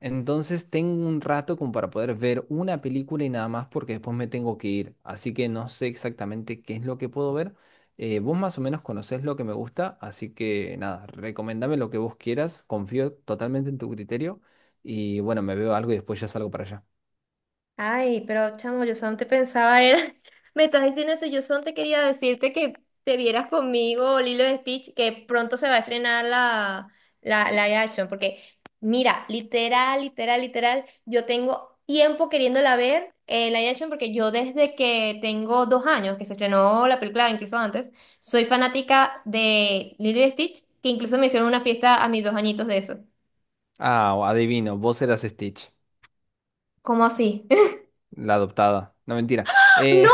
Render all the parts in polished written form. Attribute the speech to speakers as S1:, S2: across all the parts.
S1: Entonces tengo un rato como para poder ver una película y nada más porque después me tengo que ir. Así que no sé exactamente qué es lo que puedo ver. Vos más o menos conocés lo que me gusta, así que nada, recomendame lo que vos quieras. Confío totalmente en tu criterio y bueno, me veo algo y después ya salgo para allá.
S2: Ay, pero chamo, yo solo te pensaba era, me estás diciendo eso, yo solo te quería decirte que te vieras conmigo Lilo y Stitch, que pronto se va a estrenar la live action, porque mira, literal, literal, literal, yo tengo tiempo queriéndola ver, la live action, porque yo desde que tengo 2 años, que se estrenó la película, incluso antes, soy fanática de Lilo y Stitch, que incluso me hicieron una fiesta a mis 2 añitos de eso.
S1: Ah, adivino, vos eras Stitch,
S2: ¿Cómo así?
S1: la adoptada. No, mentira. Eh,
S2: No,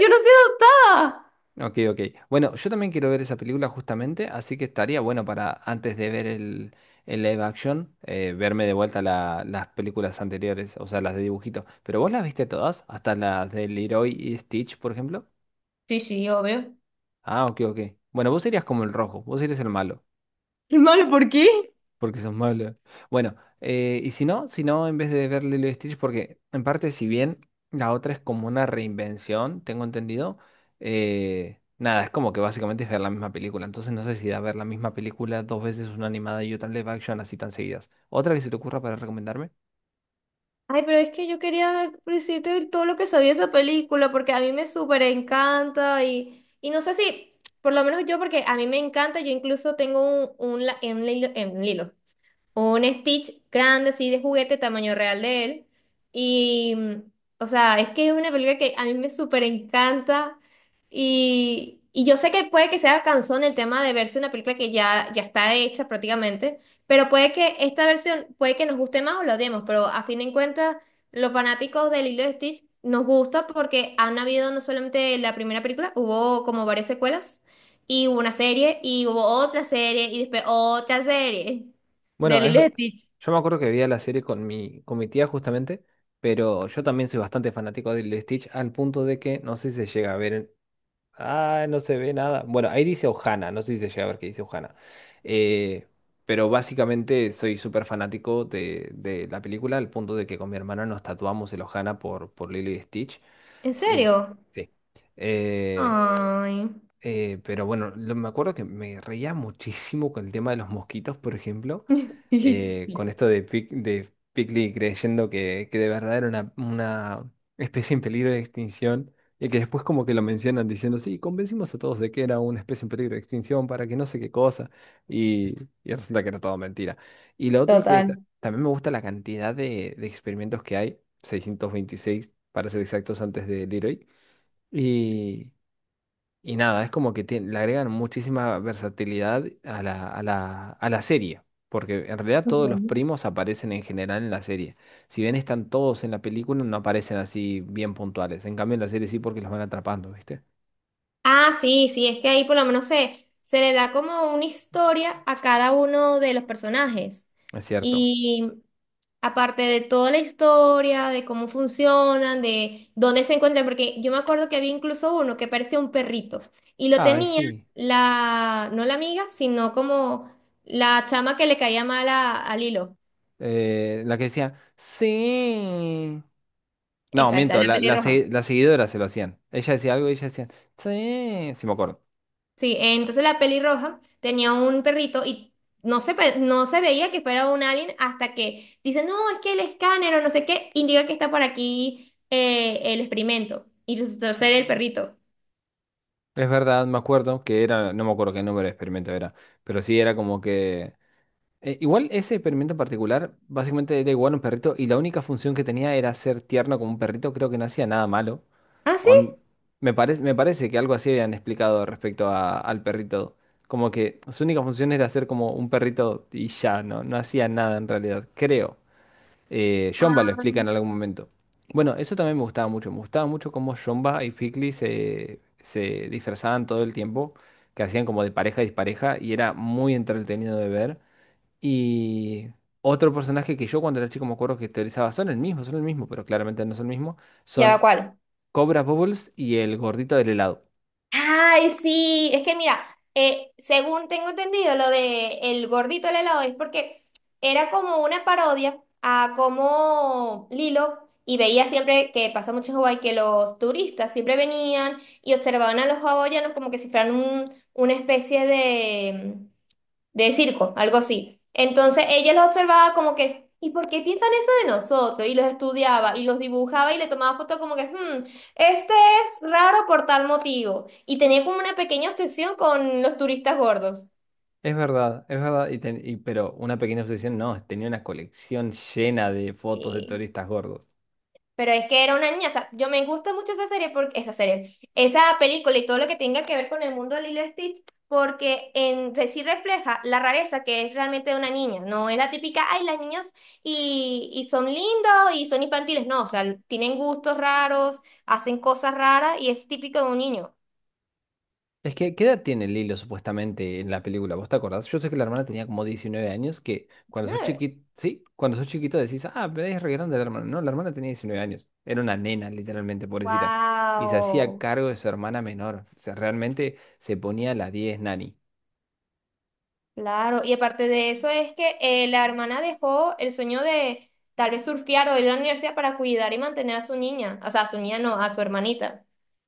S2: yo no soy adoptada.
S1: Ok, ok. Bueno, yo también quiero ver esa película justamente, así que estaría bueno para antes de ver el live action, verme de vuelta las películas anteriores, o sea, las de dibujito. ¿Pero vos las viste todas? ¿Hasta las de Leroy y Stitch, por ejemplo?
S2: Sí, sí, obvio.
S1: Ah, ok, ok. Bueno, vos serías como el rojo, vos eres el malo.
S2: Malo, ¿por qué?
S1: Porque son malo. Bueno, y si no, si no, en vez de ver Lilo y Stitch, porque en parte, si bien la otra es como una reinvención, tengo entendido, nada, es como que básicamente es ver la misma película. Entonces no sé si da ver la misma película dos veces, una animada y otra en live action, así tan seguidas. ¿Otra que se te ocurra para recomendarme?
S2: Ay, pero es que yo quería decirte todo lo que sabía esa película, porque a mí me súper encanta y no sé si, por lo menos yo, porque a mí me encanta, yo incluso tengo un, en Lilo, un Stitch grande, así de juguete, tamaño real de él. Y, o sea, es que es una película que a mí me súper encanta. Y yo sé que puede que sea cansón el tema de verse una película que ya, ya está hecha prácticamente, pero puede que esta versión, puede que nos guste más o la odiemos, pero a fin de cuentas, los fanáticos del Lilo y Stitch nos gusta porque han habido no solamente la primera película, hubo como varias secuelas, y hubo una serie, y hubo otra serie, y después otra serie. De
S1: Bueno, es,
S2: Lilo y Stitch.
S1: yo me acuerdo que vi la serie con con mi tía justamente, pero yo también soy bastante fanático de Lilo y Stitch, al punto de que no sé si se llega a ver. Ah, no se ve nada. Bueno, ahí dice Ohana, no sé si se llega a ver qué dice Ohana. Eh, pero básicamente soy súper fanático de la película, al punto de que con mi hermana nos tatuamos el Ohana por Lilo y Stitch.
S2: ¿En
S1: Eh,
S2: serio?
S1: sí. Eh,
S2: Ay.
S1: pero bueno, me acuerdo que me reía muchísimo con el tema de los mosquitos, por ejemplo, con esto de, Pigly creyendo que de verdad era una especie en peligro de extinción, y que después como que lo mencionan diciendo, sí, convencimos a todos de que era una especie en peligro de extinción para que no sé qué cosa, y, y resulta que era todo mentira. Y lo otro que
S2: Total.
S1: también me gusta la cantidad de experimentos que hay, 626 para ser exactos antes de Leroy, y nada, es como que le agregan muchísima versatilidad a la serie, porque en realidad todos los
S2: Ujú.
S1: primos aparecen en general en la serie. Si bien están todos en la película, no aparecen así bien puntuales. En cambio, en la serie sí porque los van atrapando, ¿viste?
S2: Ah, sí, sí, es que ahí por lo menos se le da como una historia a cada uno de los personajes.
S1: Es cierto.
S2: Y aparte de toda la historia, de cómo funcionan, de dónde se encuentran, porque yo me acuerdo que había incluso uno que parecía un perrito y lo
S1: Ay,
S2: tenía
S1: sí.
S2: la, no la amiga, sino como la chama que le caía mal a Lilo.
S1: La que decía, sí. No,
S2: Esa,
S1: miento,
S2: la pelirroja.
S1: la seguidora se lo hacían. Ella decía algo y ella decía, sí. Sí, me acuerdo.
S2: Sí, entonces la pelirroja tenía un perrito y no se veía que fuera un alien hasta que dice, no, es que el escáner o no sé qué indica que está por aquí, el experimento. Y resultó ser el perrito.
S1: Es verdad, me acuerdo que era, no me acuerdo qué número de experimento era, pero sí era como que... igual ese experimento en particular, básicamente era igual a un perrito y la única función que tenía era ser tierno como un perrito, creo que no hacía nada malo.
S2: ¿Ah, sí?
S1: On- me parece que algo así habían explicado respecto al perrito, como que su única función era ser como un perrito y ya, no, no hacía nada en realidad, creo. Jomba lo
S2: Ah,
S1: explica en algún momento. Bueno, eso también me gustaba mucho cómo Jomba y Fikli se disfrazaban todo el tiempo, que hacían como de pareja y dispareja y era muy entretenido de ver. Y otro personaje que yo cuando era chico me acuerdo que teorizaba, son el mismo, pero claramente no son el mismo,
S2: ¿ya va
S1: son
S2: cuál?
S1: Cobra Bubbles y el gordito del helado.
S2: Ay, sí, es que mira, según tengo entendido, lo de el gordito del helado es porque era como una parodia a cómo Lilo, y veía siempre que pasa mucho en Hawái, que los turistas siempre venían y observaban a los hawaianos como que si fueran una especie de circo, algo así. Entonces ella los observaba como que, ¿y por qué piensan eso de nosotros? Y los estudiaba y los dibujaba y le tomaba fotos como que, este es raro por tal motivo. Y tenía como una pequeña obsesión con los turistas gordos.
S1: Es verdad, pero una pequeña obsesión, no, tenía una colección llena de fotos de
S2: Sí.
S1: turistas gordos.
S2: Pero es que era una niña, o sea, yo me gusta mucho esa serie, porque, esa serie, esa película y todo lo que tenga que ver con el mundo de Lilo y Stitch, porque sí refleja la rareza que es realmente de una niña, no es la típica, ay, las niñas y son lindos y son infantiles, no, o sea, tienen gustos raros, hacen cosas raras y es típico de un niño.
S1: Es que, ¿qué edad tiene Lilo supuestamente en la película? ¿Vos te acordás? Yo sé que la hermana tenía como 19 años, que cuando sos
S2: ¿19?
S1: chiquito, sí, cuando sos chiquito decís, ah, pero es re grande la hermana. No, la hermana tenía 19 años. Era una nena, literalmente, pobrecita. Y se hacía
S2: ¡Wow!
S1: cargo de su hermana menor. O sea, realmente se ponía a las diez Nani.
S2: Claro, y aparte de eso es que la hermana dejó el sueño de tal vez surfear o ir a la universidad para cuidar y mantener a su niña, o sea, a su niña no, a su hermanita.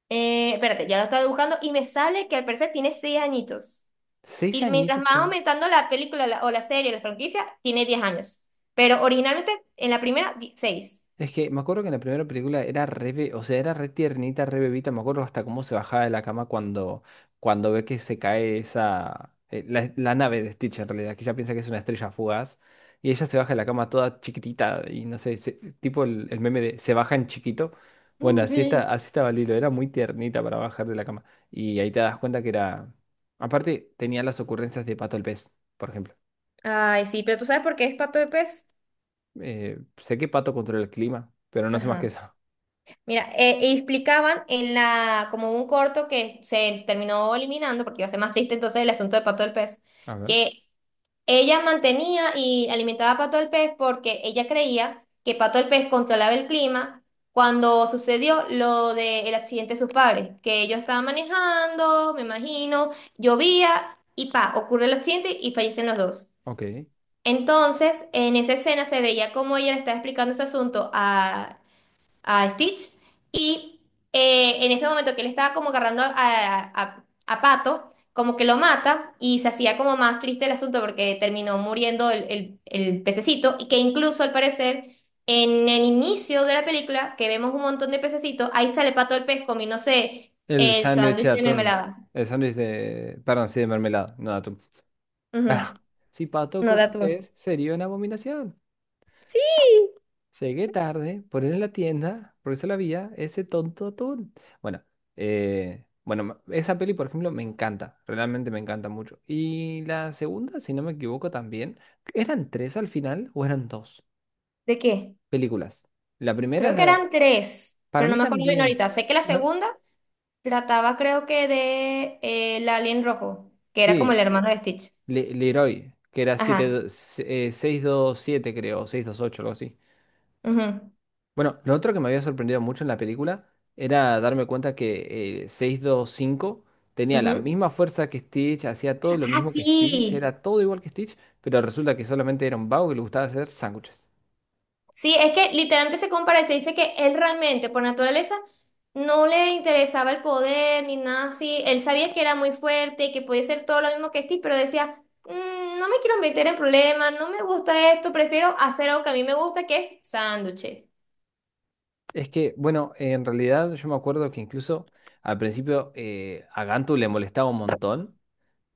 S2: Espérate, ya lo estaba buscando y me sale que al parecer tiene 6 añitos.
S1: Seis
S2: Y mientras
S1: añitos
S2: más aumentando la película o la serie, la franquicia, tiene 10 años. Pero originalmente en la primera, 6.
S1: Es que me acuerdo que en la primera película era re, o sea, era re tiernita, re bebita, me acuerdo hasta cómo se bajaba de la cama cuando, cuando ve que se cae esa, la nave de Stitch en realidad, que ella piensa que es una estrella fugaz, y ella se baja de la cama toda chiquitita, y no sé, tipo el meme de se baja en chiquito, bueno,
S2: Sí.
S1: así estaba Lilo, era muy tiernita para bajar de la cama, y ahí te das cuenta que era, aparte tenía las ocurrencias de Pato el pez, por ejemplo.
S2: Ay, sí, pero ¿tú sabes por qué es pato de pez?
S1: Sé que Pato controla el clima, pero no sé más que
S2: Ajá.
S1: eso,
S2: Mira, y explicaban en la, como un corto que se terminó eliminando porque iba a ser más triste entonces el asunto de Pato del Pez,
S1: a ver,
S2: que ella mantenía y alimentaba a Pato del Pez porque ella creía que Pato del Pez controlaba el clima cuando sucedió lo del accidente de sus padres, que ellos estaban manejando, me imagino, llovía y pa, ocurre el accidente y fallecen los dos.
S1: ok.
S2: Entonces, en esa escena se veía como ella le estaba explicando ese asunto a Stitch y en ese momento que él estaba como agarrando a Pato, como que lo mata y se hacía como más triste el asunto porque terminó muriendo el pececito y que incluso al parecer en el inicio de la película que vemos un montón de pececitos, ahí sale Pato el pez comiéndose
S1: El
S2: el
S1: sándwich de
S2: sándwich de
S1: atún.
S2: mermelada.
S1: El sándwich de. Perdón, sí, de mermelada, no de atún.
S2: Ujú.
S1: Claro. Si pato
S2: No
S1: como
S2: da tú.
S1: pez, sería una abominación. Llegué tarde, por ir en la tienda, por eso la vía, ese tonto atún. Bueno, bueno, esa peli, por ejemplo, me encanta. Realmente me encanta mucho. Y la segunda, si no me equivoco, también. ¿Eran tres al final o eran dos
S2: ¿De qué?
S1: películas? La primera es
S2: Creo que
S1: la.
S2: eran tres,
S1: Para
S2: pero no
S1: mí
S2: me acuerdo bien
S1: también.
S2: ahorita. Sé que la
S1: Ma-
S2: segunda... Trataba creo que de el alien rojo, que era como el
S1: Sí,
S2: hermano de Stitch.
S1: Leroy, que era 7,
S2: Ajá.
S1: 627, creo, o 628, algo así.
S2: Ujú,
S1: Bueno, lo otro que me había sorprendido mucho en la película era darme cuenta que 625 tenía la
S2: ujú.
S1: misma fuerza que Stitch, hacía todo lo
S2: Ah,
S1: mismo que Stitch,
S2: sí.
S1: era todo igual que Stitch, pero resulta que solamente era un vago que le gustaba hacer sándwiches.
S2: Sí, es que literalmente se compara y se dice que él realmente, por naturaleza, no le interesaba el poder ni nada así. Él sabía que era muy fuerte y que podía ser todo lo mismo que Stitch, pero decía, no me quiero meter en problemas, no me gusta esto, prefiero hacer algo que a mí me gusta, que es sándwiches.
S1: Es que, bueno, en realidad yo me acuerdo que incluso al principio, a Gantu le molestaba un montón,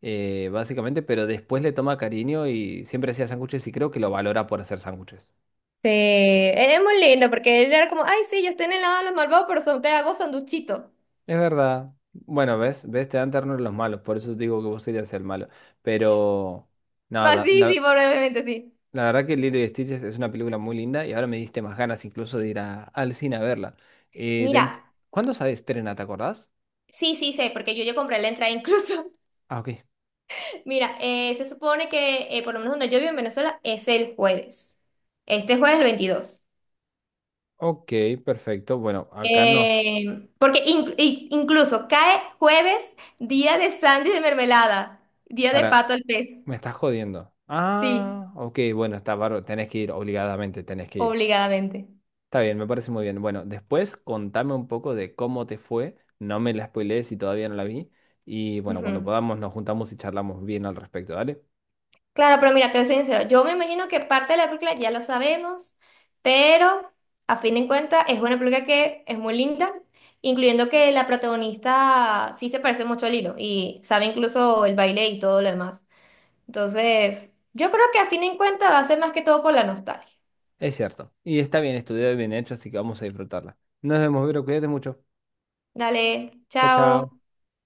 S1: básicamente, pero después le toma cariño y siempre hacía sándwiches y creo que lo valora por hacer sándwiches.
S2: Sí, él es muy lindo porque él era como, ay, sí, yo estoy en el lado de los malvados, pero son, te hago sanduchito.
S1: Es verdad. Bueno, ves, ves, te dan ternura los malos, por eso digo que vos serías el malo. Pero
S2: Va,
S1: nada,
S2: sí, sí, probablemente sí.
S1: la verdad que Lilo y Stitch es una película muy linda y ahora me diste más ganas incluso de ir al cine a verla. Eh,
S2: Mira,
S1: de- ¿Cuándo se estrena, te acordás?
S2: sí, sí, sé, porque yo ya compré la entrada incluso.
S1: Ah, ok.
S2: Mira, se supone que, por lo menos donde yo vivo en Venezuela, es el jueves. Este jueves el 22.
S1: Ok, perfecto. Bueno, acá nos...
S2: Porque incluso cae jueves, día de sándwich de mermelada, día de
S1: Para...
S2: pato al pez.
S1: Me estás jodiendo.
S2: Sí,
S1: Ah, ok, bueno, está bárbaro. Tenés que ir, obligadamente, tenés que ir.
S2: obligadamente.
S1: Está bien, me parece muy bien. Bueno, después contame un poco de cómo te fue. No me la spoilees si todavía no la vi. Y bueno, cuando
S2: Ujú.
S1: podamos nos juntamos y charlamos bien al respecto, ¿vale?
S2: Claro, pero mira, te voy a ser sincero. Yo me imagino que parte de la película ya lo sabemos, pero a fin de cuentas es una película que es muy linda, incluyendo que la protagonista sí se parece mucho a Lilo y sabe incluso el baile y todo lo demás. Entonces, yo creo que a fin de cuentas va a ser más que todo por la nostalgia.
S1: Es cierto. Y está bien estudiado y bien hecho, así que vamos a disfrutarla. Nos vemos, Vero. Cuídate mucho.
S2: Dale,
S1: Chao,
S2: chao.
S1: chao.